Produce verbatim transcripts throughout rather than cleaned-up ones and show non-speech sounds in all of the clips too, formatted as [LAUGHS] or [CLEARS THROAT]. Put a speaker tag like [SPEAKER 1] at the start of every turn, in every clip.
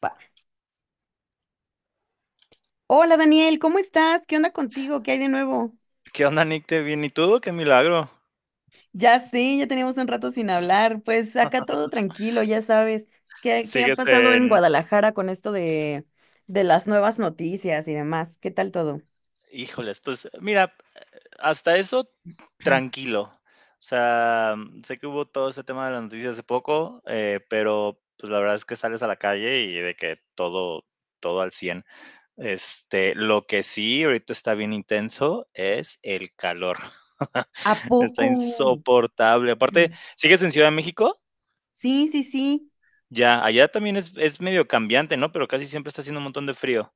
[SPEAKER 1] Pa. Hola Daniel, ¿cómo estás? ¿Qué onda contigo? ¿Qué hay de nuevo?
[SPEAKER 2] ¿Qué onda, Nick? ¿Te bien? ¿Y tú? ¡Qué milagro!
[SPEAKER 1] Ya sé, ya teníamos un rato sin hablar. Pues acá todo tranquilo, ya sabes. ¿Qué, qué ha
[SPEAKER 2] Sigues
[SPEAKER 1] pasado en
[SPEAKER 2] en
[SPEAKER 1] Guadalajara con esto de, de las nuevas noticias y demás? ¿Qué tal todo?
[SPEAKER 2] híjoles, pues, mira, Hasta eso tranquilo. O sea, sé que hubo todo ese tema de las noticias hace poco, eh, pero, pues, la verdad es que sales a la calle y de que todo todo al cien. Este, lo que sí ahorita está bien intenso es el calor.
[SPEAKER 1] ¿A
[SPEAKER 2] [LAUGHS] Está
[SPEAKER 1] poco?
[SPEAKER 2] insoportable. Aparte,
[SPEAKER 1] Mm.
[SPEAKER 2] ¿sigues en Ciudad de México?
[SPEAKER 1] Sí, sí, sí.
[SPEAKER 2] Ya, allá también es es medio cambiante, ¿no? Pero casi siempre está haciendo un montón de frío,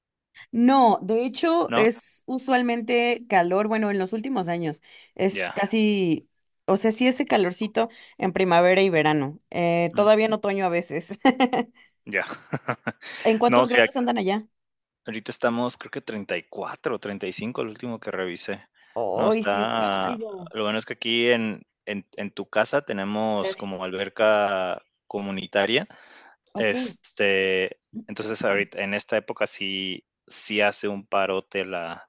[SPEAKER 1] No, de hecho
[SPEAKER 2] ¿no?
[SPEAKER 1] es usualmente calor, bueno, en los últimos años es
[SPEAKER 2] Ya.
[SPEAKER 1] casi, o sea, sí ese calorcito en primavera y verano, eh,
[SPEAKER 2] Mm,
[SPEAKER 1] todavía en otoño a veces. [LAUGHS]
[SPEAKER 2] ya. [LAUGHS]
[SPEAKER 1] ¿En
[SPEAKER 2] No, o
[SPEAKER 1] cuántos
[SPEAKER 2] sea,
[SPEAKER 1] grados andan allá?
[SPEAKER 2] ahorita estamos, creo que treinta y cuatro o cinco, el último que revisé. No,
[SPEAKER 1] Hoy sí es
[SPEAKER 2] está
[SPEAKER 1] algo.
[SPEAKER 2] lo bueno es que aquí en en en tu casa tenemos
[SPEAKER 1] Gracias.
[SPEAKER 2] como alberca comunitaria,
[SPEAKER 1] Ok.
[SPEAKER 2] este, entonces, ahorita en esta época sí sí hace un parote la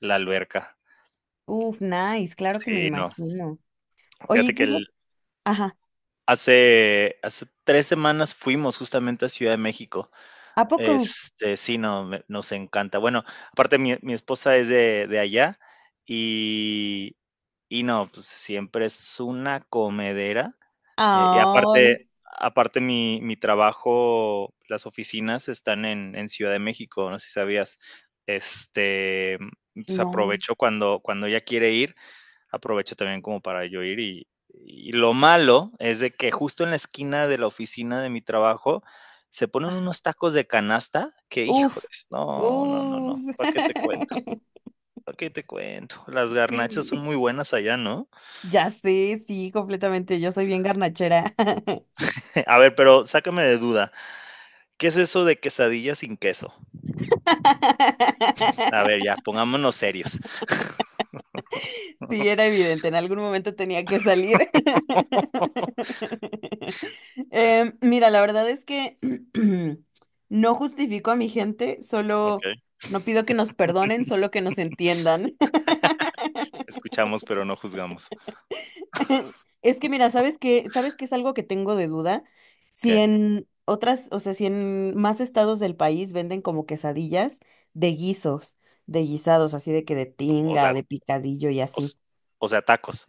[SPEAKER 2] la alberca.
[SPEAKER 1] Uf, nice, claro que me
[SPEAKER 2] Sí, no.
[SPEAKER 1] imagino. Oye,
[SPEAKER 2] Fíjate
[SPEAKER 1] ¿qué
[SPEAKER 2] que
[SPEAKER 1] es lo
[SPEAKER 2] el
[SPEAKER 1] que- Ajá,
[SPEAKER 2] hace hace tres semanas fuimos justamente a Ciudad de México.
[SPEAKER 1] ¿a poco?
[SPEAKER 2] Este, sí, no, me nos encanta. Bueno, aparte mi mi esposa es de de allá y y no, pues, siempre es una comedera, eh, y aparte
[SPEAKER 1] Ay,
[SPEAKER 2] aparte mi mi trabajo, las oficinas están en en Ciudad de México, no sé si sabías. Este, pues,
[SPEAKER 1] no.
[SPEAKER 2] aprovecho cuando cuando ella quiere ir, aprovecho también como para yo ir y, y lo malo es de que justo en la esquina de la oficina de mi trabajo se ponen
[SPEAKER 1] Ajá.
[SPEAKER 2] unos tacos de canasta que,
[SPEAKER 1] Uf,
[SPEAKER 2] híjoles, no, no, no,
[SPEAKER 1] uf.
[SPEAKER 2] no, ¿para qué te cuento?
[SPEAKER 1] [LAUGHS]
[SPEAKER 2] ¿Para qué te cuento? Las garnachas son
[SPEAKER 1] Sí,
[SPEAKER 2] muy buenas allá, ¿no?
[SPEAKER 1] ya sé, sí, completamente. Yo soy bien garnachera.
[SPEAKER 2] [LAUGHS] A ver, pero sácame de duda, ¿qué es eso de quesadilla sin queso? A ver,
[SPEAKER 1] [LAUGHS]
[SPEAKER 2] ya, pongámonos serios,
[SPEAKER 1] Sí, era evidente, en algún momento tenía que salir. [LAUGHS] Em, mira, la verdad es que [CLEARS THROAT] no justifico a mi gente,
[SPEAKER 2] ¿ok?
[SPEAKER 1] solo no pido que nos perdonen, solo que nos entiendan.
[SPEAKER 2] Escuchamos, pero no juzgamos.
[SPEAKER 1] [LAUGHS] Es que mira, ¿sabes qué? ¿Sabes qué es algo que tengo de duda? Si
[SPEAKER 2] ¿Qué?
[SPEAKER 1] en otras, o sea, si en más estados del país venden como quesadillas de guisos, de guisados, así de que de
[SPEAKER 2] O
[SPEAKER 1] tinga,
[SPEAKER 2] sea,
[SPEAKER 1] de picadillo y así.
[SPEAKER 2] os- o sea, tacos.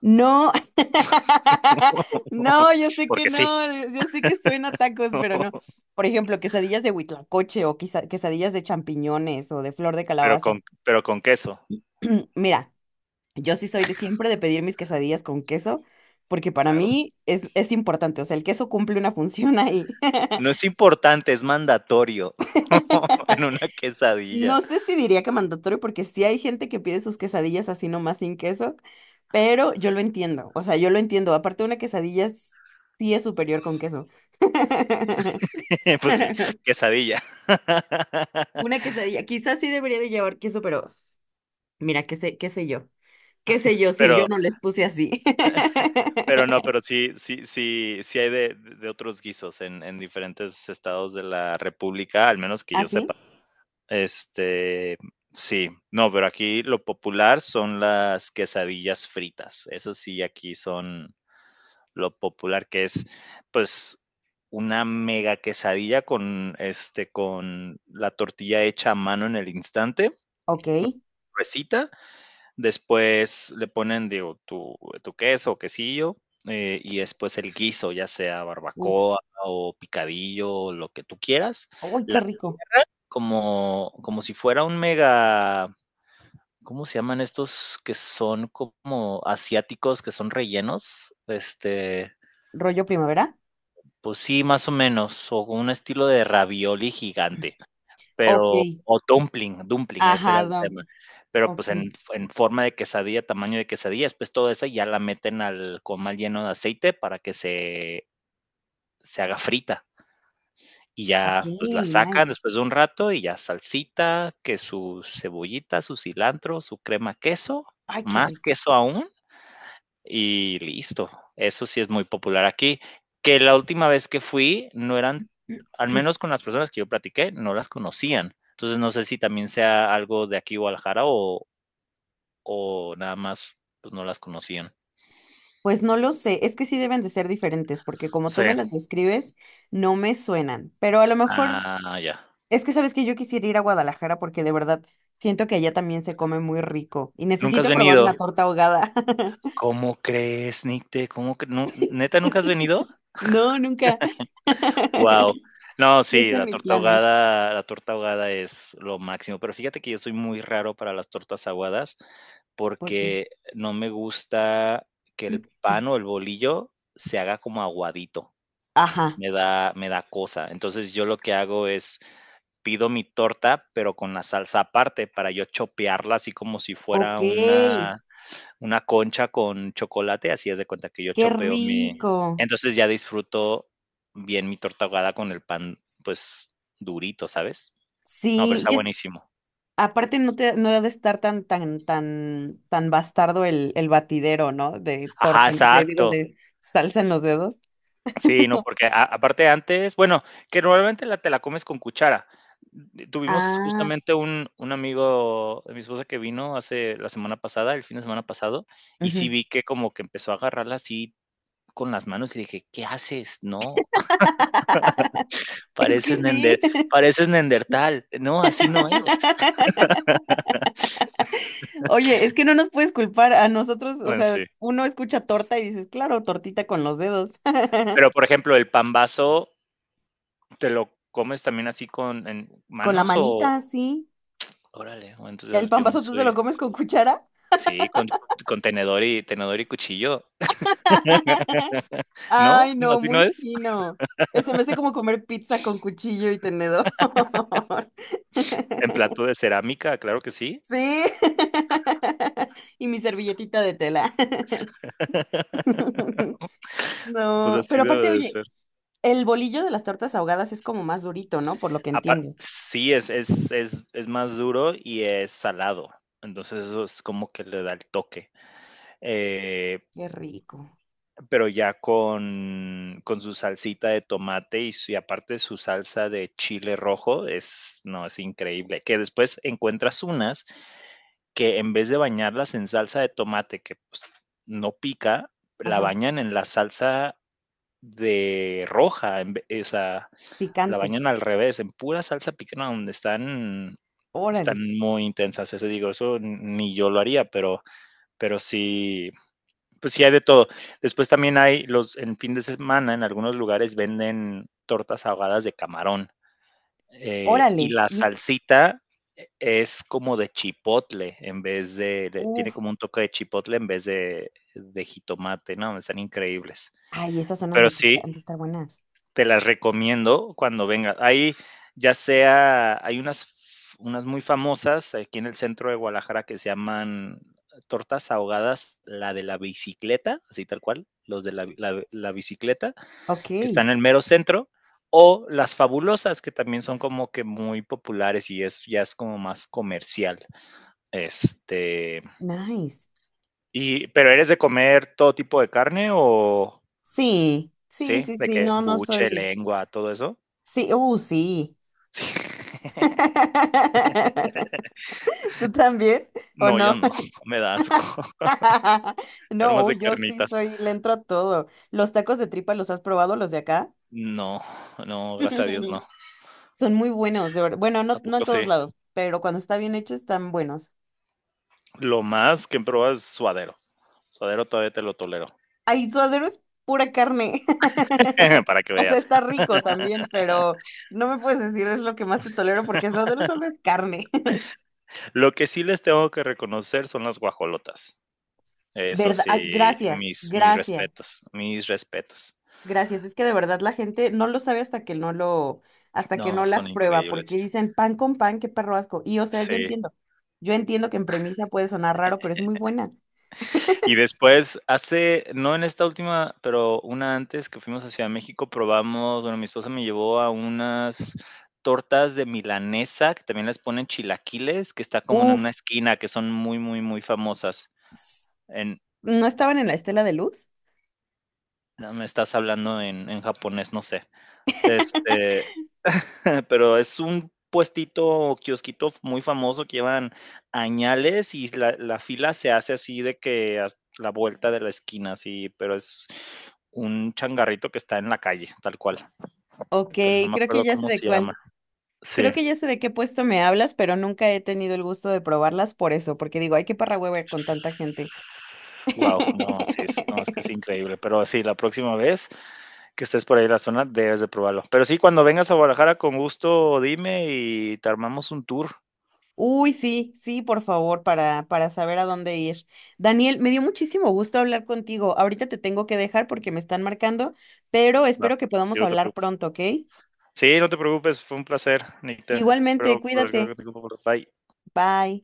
[SPEAKER 1] No, [LAUGHS]
[SPEAKER 2] [LAUGHS]
[SPEAKER 1] no, yo sé que
[SPEAKER 2] Porque sí,
[SPEAKER 1] no, yo sé que suena a tacos, pero no. Por ejemplo, quesadillas de huitlacoche o quizá- quesadillas de champiñones o de flor de
[SPEAKER 2] pero
[SPEAKER 1] calabaza.
[SPEAKER 2] con, pero con queso.
[SPEAKER 1] [CLEARS THROAT] Mira, yo sí soy de siempre de pedir mis quesadillas con queso, porque para
[SPEAKER 2] Claro.
[SPEAKER 1] mí es, es importante, o sea, el queso cumple una función ahí.
[SPEAKER 2] No es importante, es mandatorio [LAUGHS] en
[SPEAKER 1] [LAUGHS]
[SPEAKER 2] una
[SPEAKER 1] No
[SPEAKER 2] quesadilla.
[SPEAKER 1] sé si diría que mandatorio, porque sí hay gente que pide sus quesadillas así nomás sin queso, pero yo lo entiendo, o sea, yo lo entiendo. Aparte, una quesadilla s- sí es superior con queso. [LAUGHS]
[SPEAKER 2] [LAUGHS] Pues sí, quesadilla.
[SPEAKER 1] Una
[SPEAKER 2] [LAUGHS]
[SPEAKER 1] quesadilla, quizás sí debería de llevar queso, pero mira, qué sé, qué sé yo, qué sé yo si yo
[SPEAKER 2] Pero
[SPEAKER 1] no les puse así.
[SPEAKER 2] pero no, pero
[SPEAKER 1] [LAUGHS]
[SPEAKER 2] sí sí sí sí hay de de otros guisos en en diferentes estados de la república, al menos que yo
[SPEAKER 1] ¿Así?
[SPEAKER 2] sepa. Este, sí, no, pero aquí lo popular son las quesadillas fritas. Eso sí, aquí son lo popular que es, pues, una mega quesadilla con, este, con la tortilla hecha a mano en el instante,
[SPEAKER 1] Ok.
[SPEAKER 2] recita, después le ponen, digo, tu, tu queso o quesillo, eh, y después el guiso, ya sea
[SPEAKER 1] Uf.
[SPEAKER 2] barbacoa o picadillo, o lo que tú quieras,
[SPEAKER 1] Uy,
[SPEAKER 2] la-
[SPEAKER 1] qué rico.
[SPEAKER 2] como, como si fuera un mega, ¿cómo se llaman estos que son como asiáticos, que son rellenos? Este,
[SPEAKER 1] ¿Rollo primavera?
[SPEAKER 2] Pues sí, más o menos, o con un estilo de ravioli gigante,
[SPEAKER 1] Ok.
[SPEAKER 2] pero o dumpling, dumpling, ese era
[SPEAKER 1] Ajá,
[SPEAKER 2] el
[SPEAKER 1] da-
[SPEAKER 2] tema, pero,
[SPEAKER 1] ok.
[SPEAKER 2] pues, en en forma de quesadilla, tamaño de quesadilla, después toda esa ya la meten al comal lleno de aceite para que se se haga frita, y
[SPEAKER 1] Ok,
[SPEAKER 2] ya, pues, la
[SPEAKER 1] nice.
[SPEAKER 2] sacan después de un rato y ya salsita, que su cebollita, su cilantro, su crema queso,
[SPEAKER 1] Ay, qué
[SPEAKER 2] más
[SPEAKER 1] rico.
[SPEAKER 2] queso aún, y listo. Eso sí es muy popular aquí. Que la última vez que fui no eran, al
[SPEAKER 1] [CLEARS THROAT]
[SPEAKER 2] menos con las personas que yo platiqué, no las conocían. Entonces no sé si también sea algo de aquí Guadalajara o, o nada más pues no las conocían.
[SPEAKER 1] Pues no lo sé, es que sí deben de ser diferentes, porque como tú
[SPEAKER 2] Sí.
[SPEAKER 1] me las describes, no me suenan, pero a lo mejor
[SPEAKER 2] Ah, ya.
[SPEAKER 1] es que sabes que yo quisiera ir a Guadalajara porque de verdad siento que allá también se come muy rico y
[SPEAKER 2] ¿Nunca has
[SPEAKER 1] necesito probar una
[SPEAKER 2] venido?
[SPEAKER 1] torta ahogada. [LAUGHS]
[SPEAKER 2] ¿Cómo crees, Nicte? ¿Cómo cre- nu- ¿Neta nunca has venido?
[SPEAKER 1] No, nunca.
[SPEAKER 2] Wow,
[SPEAKER 1] [LAUGHS]
[SPEAKER 2] no,
[SPEAKER 1] Sí
[SPEAKER 2] sí,
[SPEAKER 1] están
[SPEAKER 2] la
[SPEAKER 1] mis
[SPEAKER 2] torta
[SPEAKER 1] planes.
[SPEAKER 2] ahogada la torta ahogada es lo máximo, pero fíjate que yo soy muy raro para las tortas aguadas,
[SPEAKER 1] ¿Por qué?
[SPEAKER 2] porque no me gusta que el
[SPEAKER 1] [CLEARS THROAT]
[SPEAKER 2] pan o el bolillo se haga como aguadito,
[SPEAKER 1] Ajá.
[SPEAKER 2] me da me da cosa. Entonces, yo lo que hago es, pido mi torta, pero con la salsa aparte para yo chopearla así como si
[SPEAKER 1] Ok,
[SPEAKER 2] fuera una una concha con chocolate, así haz de cuenta que yo
[SPEAKER 1] qué
[SPEAKER 2] chopeo mi
[SPEAKER 1] rico.
[SPEAKER 2] entonces ya disfruto bien mi torta ahogada con el pan, pues, durito, ¿sabes? No, pero
[SPEAKER 1] Sí,
[SPEAKER 2] está
[SPEAKER 1] y es
[SPEAKER 2] buenísimo.
[SPEAKER 1] aparte no te no ha de estar tan tan tan tan bastardo el, el batidero, ¿no? De
[SPEAKER 2] Ajá,
[SPEAKER 1] torta, en- de, digo,
[SPEAKER 2] exacto.
[SPEAKER 1] de salsa en los dedos.
[SPEAKER 2] Sí, no, porque a aparte antes, bueno, que normalmente la te la comes con cuchara. D- Tuvimos
[SPEAKER 1] Ah,
[SPEAKER 2] justamente un un amigo de mi esposa que vino hace la semana pasada, el fin de semana pasado, y
[SPEAKER 1] ujú.
[SPEAKER 2] sí
[SPEAKER 1] [LAUGHS]
[SPEAKER 2] vi que como que empezó a agarrarla así con las manos y dije: "¿Qué haces? No".
[SPEAKER 1] Es
[SPEAKER 2] Pareces
[SPEAKER 1] que sí.
[SPEAKER 2] nender Pareces neandertal. No, así no es.
[SPEAKER 1] [LAUGHS] Oye, es que no nos puedes culpar a nosotros, o
[SPEAKER 2] Bueno,
[SPEAKER 1] sea,
[SPEAKER 2] sí.
[SPEAKER 1] uno escucha torta y dices, claro, tortita con los dedos. [LAUGHS]
[SPEAKER 2] Pero, por ejemplo, el pambazo, ¿te lo comes también así con en
[SPEAKER 1] Con la
[SPEAKER 2] manos o?
[SPEAKER 1] manita, sí.
[SPEAKER 2] Órale, o
[SPEAKER 1] ¿El
[SPEAKER 2] entonces
[SPEAKER 1] pan
[SPEAKER 2] yo no
[SPEAKER 1] vasote te
[SPEAKER 2] soy
[SPEAKER 1] lo comes con cuchara?
[SPEAKER 2] sí, con con tenedor y tenedor y cuchillo,
[SPEAKER 1] [LAUGHS]
[SPEAKER 2] ¿no?
[SPEAKER 1] Ay,
[SPEAKER 2] [LAUGHS]
[SPEAKER 1] no,
[SPEAKER 2] ¿Así no
[SPEAKER 1] muy
[SPEAKER 2] es?
[SPEAKER 1] fino. Eh, Se me hace como comer pizza con cuchillo y tenedor.
[SPEAKER 2] En plato de
[SPEAKER 1] [LAUGHS]
[SPEAKER 2] cerámica, claro que sí.
[SPEAKER 1] Sí. [LAUGHS] Y mi servilletita de tela.
[SPEAKER 2] [LAUGHS]
[SPEAKER 1] [LAUGHS]
[SPEAKER 2] Pues
[SPEAKER 1] No,
[SPEAKER 2] así
[SPEAKER 1] pero aparte,
[SPEAKER 2] debe de
[SPEAKER 1] oye,
[SPEAKER 2] ser.
[SPEAKER 1] el bolillo de las tortas ahogadas es como más durito, ¿no? Por lo que
[SPEAKER 2] Apa
[SPEAKER 1] entiendo.
[SPEAKER 2] sí, es es es es más duro y es salado. Entonces, eso es como que le da el toque. Eh,
[SPEAKER 1] Qué rico.
[SPEAKER 2] pero ya con, con su salsita de tomate y, su- y aparte su salsa de chile rojo, es, no, es increíble. Que después encuentras unas que en vez de bañarlas en salsa de tomate, que pues, no pica, la
[SPEAKER 1] Ajá,
[SPEAKER 2] bañan en la salsa de roja, en ve- o sea, la
[SPEAKER 1] picante.
[SPEAKER 2] bañan al revés, en pura salsa picante, donde están,
[SPEAKER 1] Órale,
[SPEAKER 2] están muy intensas. Ese digo, eso ni yo lo haría, pero, pero sí, pues sí hay de todo. Después también hay los, en fin de semana, en algunos lugares venden tortas ahogadas de camarón. Eh, y
[SPEAKER 1] órale.
[SPEAKER 2] la
[SPEAKER 1] Y es,
[SPEAKER 2] salsita e, es como de chipotle en vez de, de- tiene
[SPEAKER 1] uf,
[SPEAKER 2] como un toque de chipotle en vez de, de jitomate, ¿no? Están increíbles.
[SPEAKER 1] ay, esas son
[SPEAKER 2] Pero
[SPEAKER 1] las que
[SPEAKER 2] sí,
[SPEAKER 1] han de estar buenas.
[SPEAKER 2] te las recomiendo cuando vengas. Ahí ya sea, hay unas, unas muy famosas aquí en el centro de Guadalajara que se llaman eh, tortas ahogadas, la de la bicicleta, así tal cual, los de la, la, la bicicleta,
[SPEAKER 1] Ok,
[SPEAKER 2] que están en el mero centro, o las fabulosas, que también son como que muy populares y es, ya es como más comercial. Este,
[SPEAKER 1] nice.
[SPEAKER 2] y, pero eres de comer todo tipo de carne o,
[SPEAKER 1] Sí, sí,
[SPEAKER 2] sí,
[SPEAKER 1] sí,
[SPEAKER 2] de
[SPEAKER 1] sí,
[SPEAKER 2] qué
[SPEAKER 1] no, no
[SPEAKER 2] buche,
[SPEAKER 1] soy.
[SPEAKER 2] lengua, todo eso. [LAUGHS]
[SPEAKER 1] Sí, uh, sí.
[SPEAKER 2] Sí.
[SPEAKER 1] [LAUGHS] ¿Tú también? ¿O
[SPEAKER 2] No, yo
[SPEAKER 1] no?
[SPEAKER 2] no, [LAUGHS] me da asco. [LAUGHS]
[SPEAKER 1] [LAUGHS]
[SPEAKER 2] Pero
[SPEAKER 1] No,
[SPEAKER 2] más de
[SPEAKER 1] uy, yo sí
[SPEAKER 2] carnitas.
[SPEAKER 1] soy, le entro a todo. ¿Los tacos de tripa los has probado, los de acá?
[SPEAKER 2] No, no, gracias a Dios no.
[SPEAKER 1] [LAUGHS] Son muy buenos, de verdad. Bueno,
[SPEAKER 2] ¿A
[SPEAKER 1] no, no
[SPEAKER 2] poco
[SPEAKER 1] en
[SPEAKER 2] sí?
[SPEAKER 1] todos lados, pero cuando está bien hecho están buenos.
[SPEAKER 2] Lo más que he probado es suadero. Suadero todavía te lo tolero,
[SPEAKER 1] Ay, suadero es pura carne.
[SPEAKER 2] [LAUGHS]
[SPEAKER 1] [LAUGHS]
[SPEAKER 2] para que
[SPEAKER 1] O sea,
[SPEAKER 2] veas.
[SPEAKER 1] está rico también, pero no me puedes decir es lo que más te tolero porque suadero solo es carne. [LAUGHS]
[SPEAKER 2] Lo que sí les tengo que reconocer son las guajolotas. Eso
[SPEAKER 1] ¿Verdad? Ay,
[SPEAKER 2] sí,
[SPEAKER 1] gracias,
[SPEAKER 2] mis mis
[SPEAKER 1] gracias.
[SPEAKER 2] respetos, mis respetos.
[SPEAKER 1] Gracias, es que de verdad la gente no lo sabe hasta que no lo, hasta que
[SPEAKER 2] No,
[SPEAKER 1] no las
[SPEAKER 2] son
[SPEAKER 1] prueba, porque
[SPEAKER 2] increíbles.
[SPEAKER 1] dicen pan con pan, qué perro asco. Y o sea, yo
[SPEAKER 2] Sí.
[SPEAKER 1] entiendo, yo entiendo que en premisa puede sonar raro, pero es muy buena.
[SPEAKER 2] Y después, hace, no en esta última, pero una antes que fuimos a Ciudad de México, probamos, bueno, mi esposa me llevó a unas tortas de milanesa, que también les ponen chilaquiles, que está como en una
[SPEAKER 1] Uf,
[SPEAKER 2] esquina, que son muy, muy, muy famosas. En,
[SPEAKER 1] ¿no estaban en la estela de luz?
[SPEAKER 2] no, me estás hablando en, en japonés, no sé. Este, [LAUGHS] pero es un puestito o kiosquito muy famoso que llevan añales y la, la fila se hace así de que a la vuelta de la esquina, así, pero es un changarrito que está en la calle, tal cual.
[SPEAKER 1] Ok,
[SPEAKER 2] Pero no me
[SPEAKER 1] creo que
[SPEAKER 2] acuerdo
[SPEAKER 1] ya sé
[SPEAKER 2] cómo
[SPEAKER 1] de
[SPEAKER 2] se llama.
[SPEAKER 1] cuál.
[SPEAKER 2] Sí,
[SPEAKER 1] Creo que ya sé de qué puesto me hablas, pero nunca he tenido el gusto de probarlas por eso, porque digo, ay, qué parra hueva con tanta gente.
[SPEAKER 2] wow, no, sí, es, no, es que es
[SPEAKER 1] [LAUGHS]
[SPEAKER 2] increíble. Pero sí, la próxima vez que estés por ahí en la zona, debes de probarlo. Pero sí, cuando vengas a Guadalajara, con gusto, dime y te armamos un tour.
[SPEAKER 1] Uy, sí, sí, por favor, para, para saber a dónde ir. Daniel, me dio muchísimo gusto hablar contigo. Ahorita te tengo que dejar porque me están marcando, pero
[SPEAKER 2] Va,
[SPEAKER 1] espero que
[SPEAKER 2] sí,
[SPEAKER 1] podamos
[SPEAKER 2] no te
[SPEAKER 1] hablar pronto, ¿ok?
[SPEAKER 2] sí, no te preocupes, fue un placer, Nick. Te
[SPEAKER 1] Igualmente,
[SPEAKER 2] espero por el
[SPEAKER 1] cuídate.
[SPEAKER 2] Bye.
[SPEAKER 1] Bye.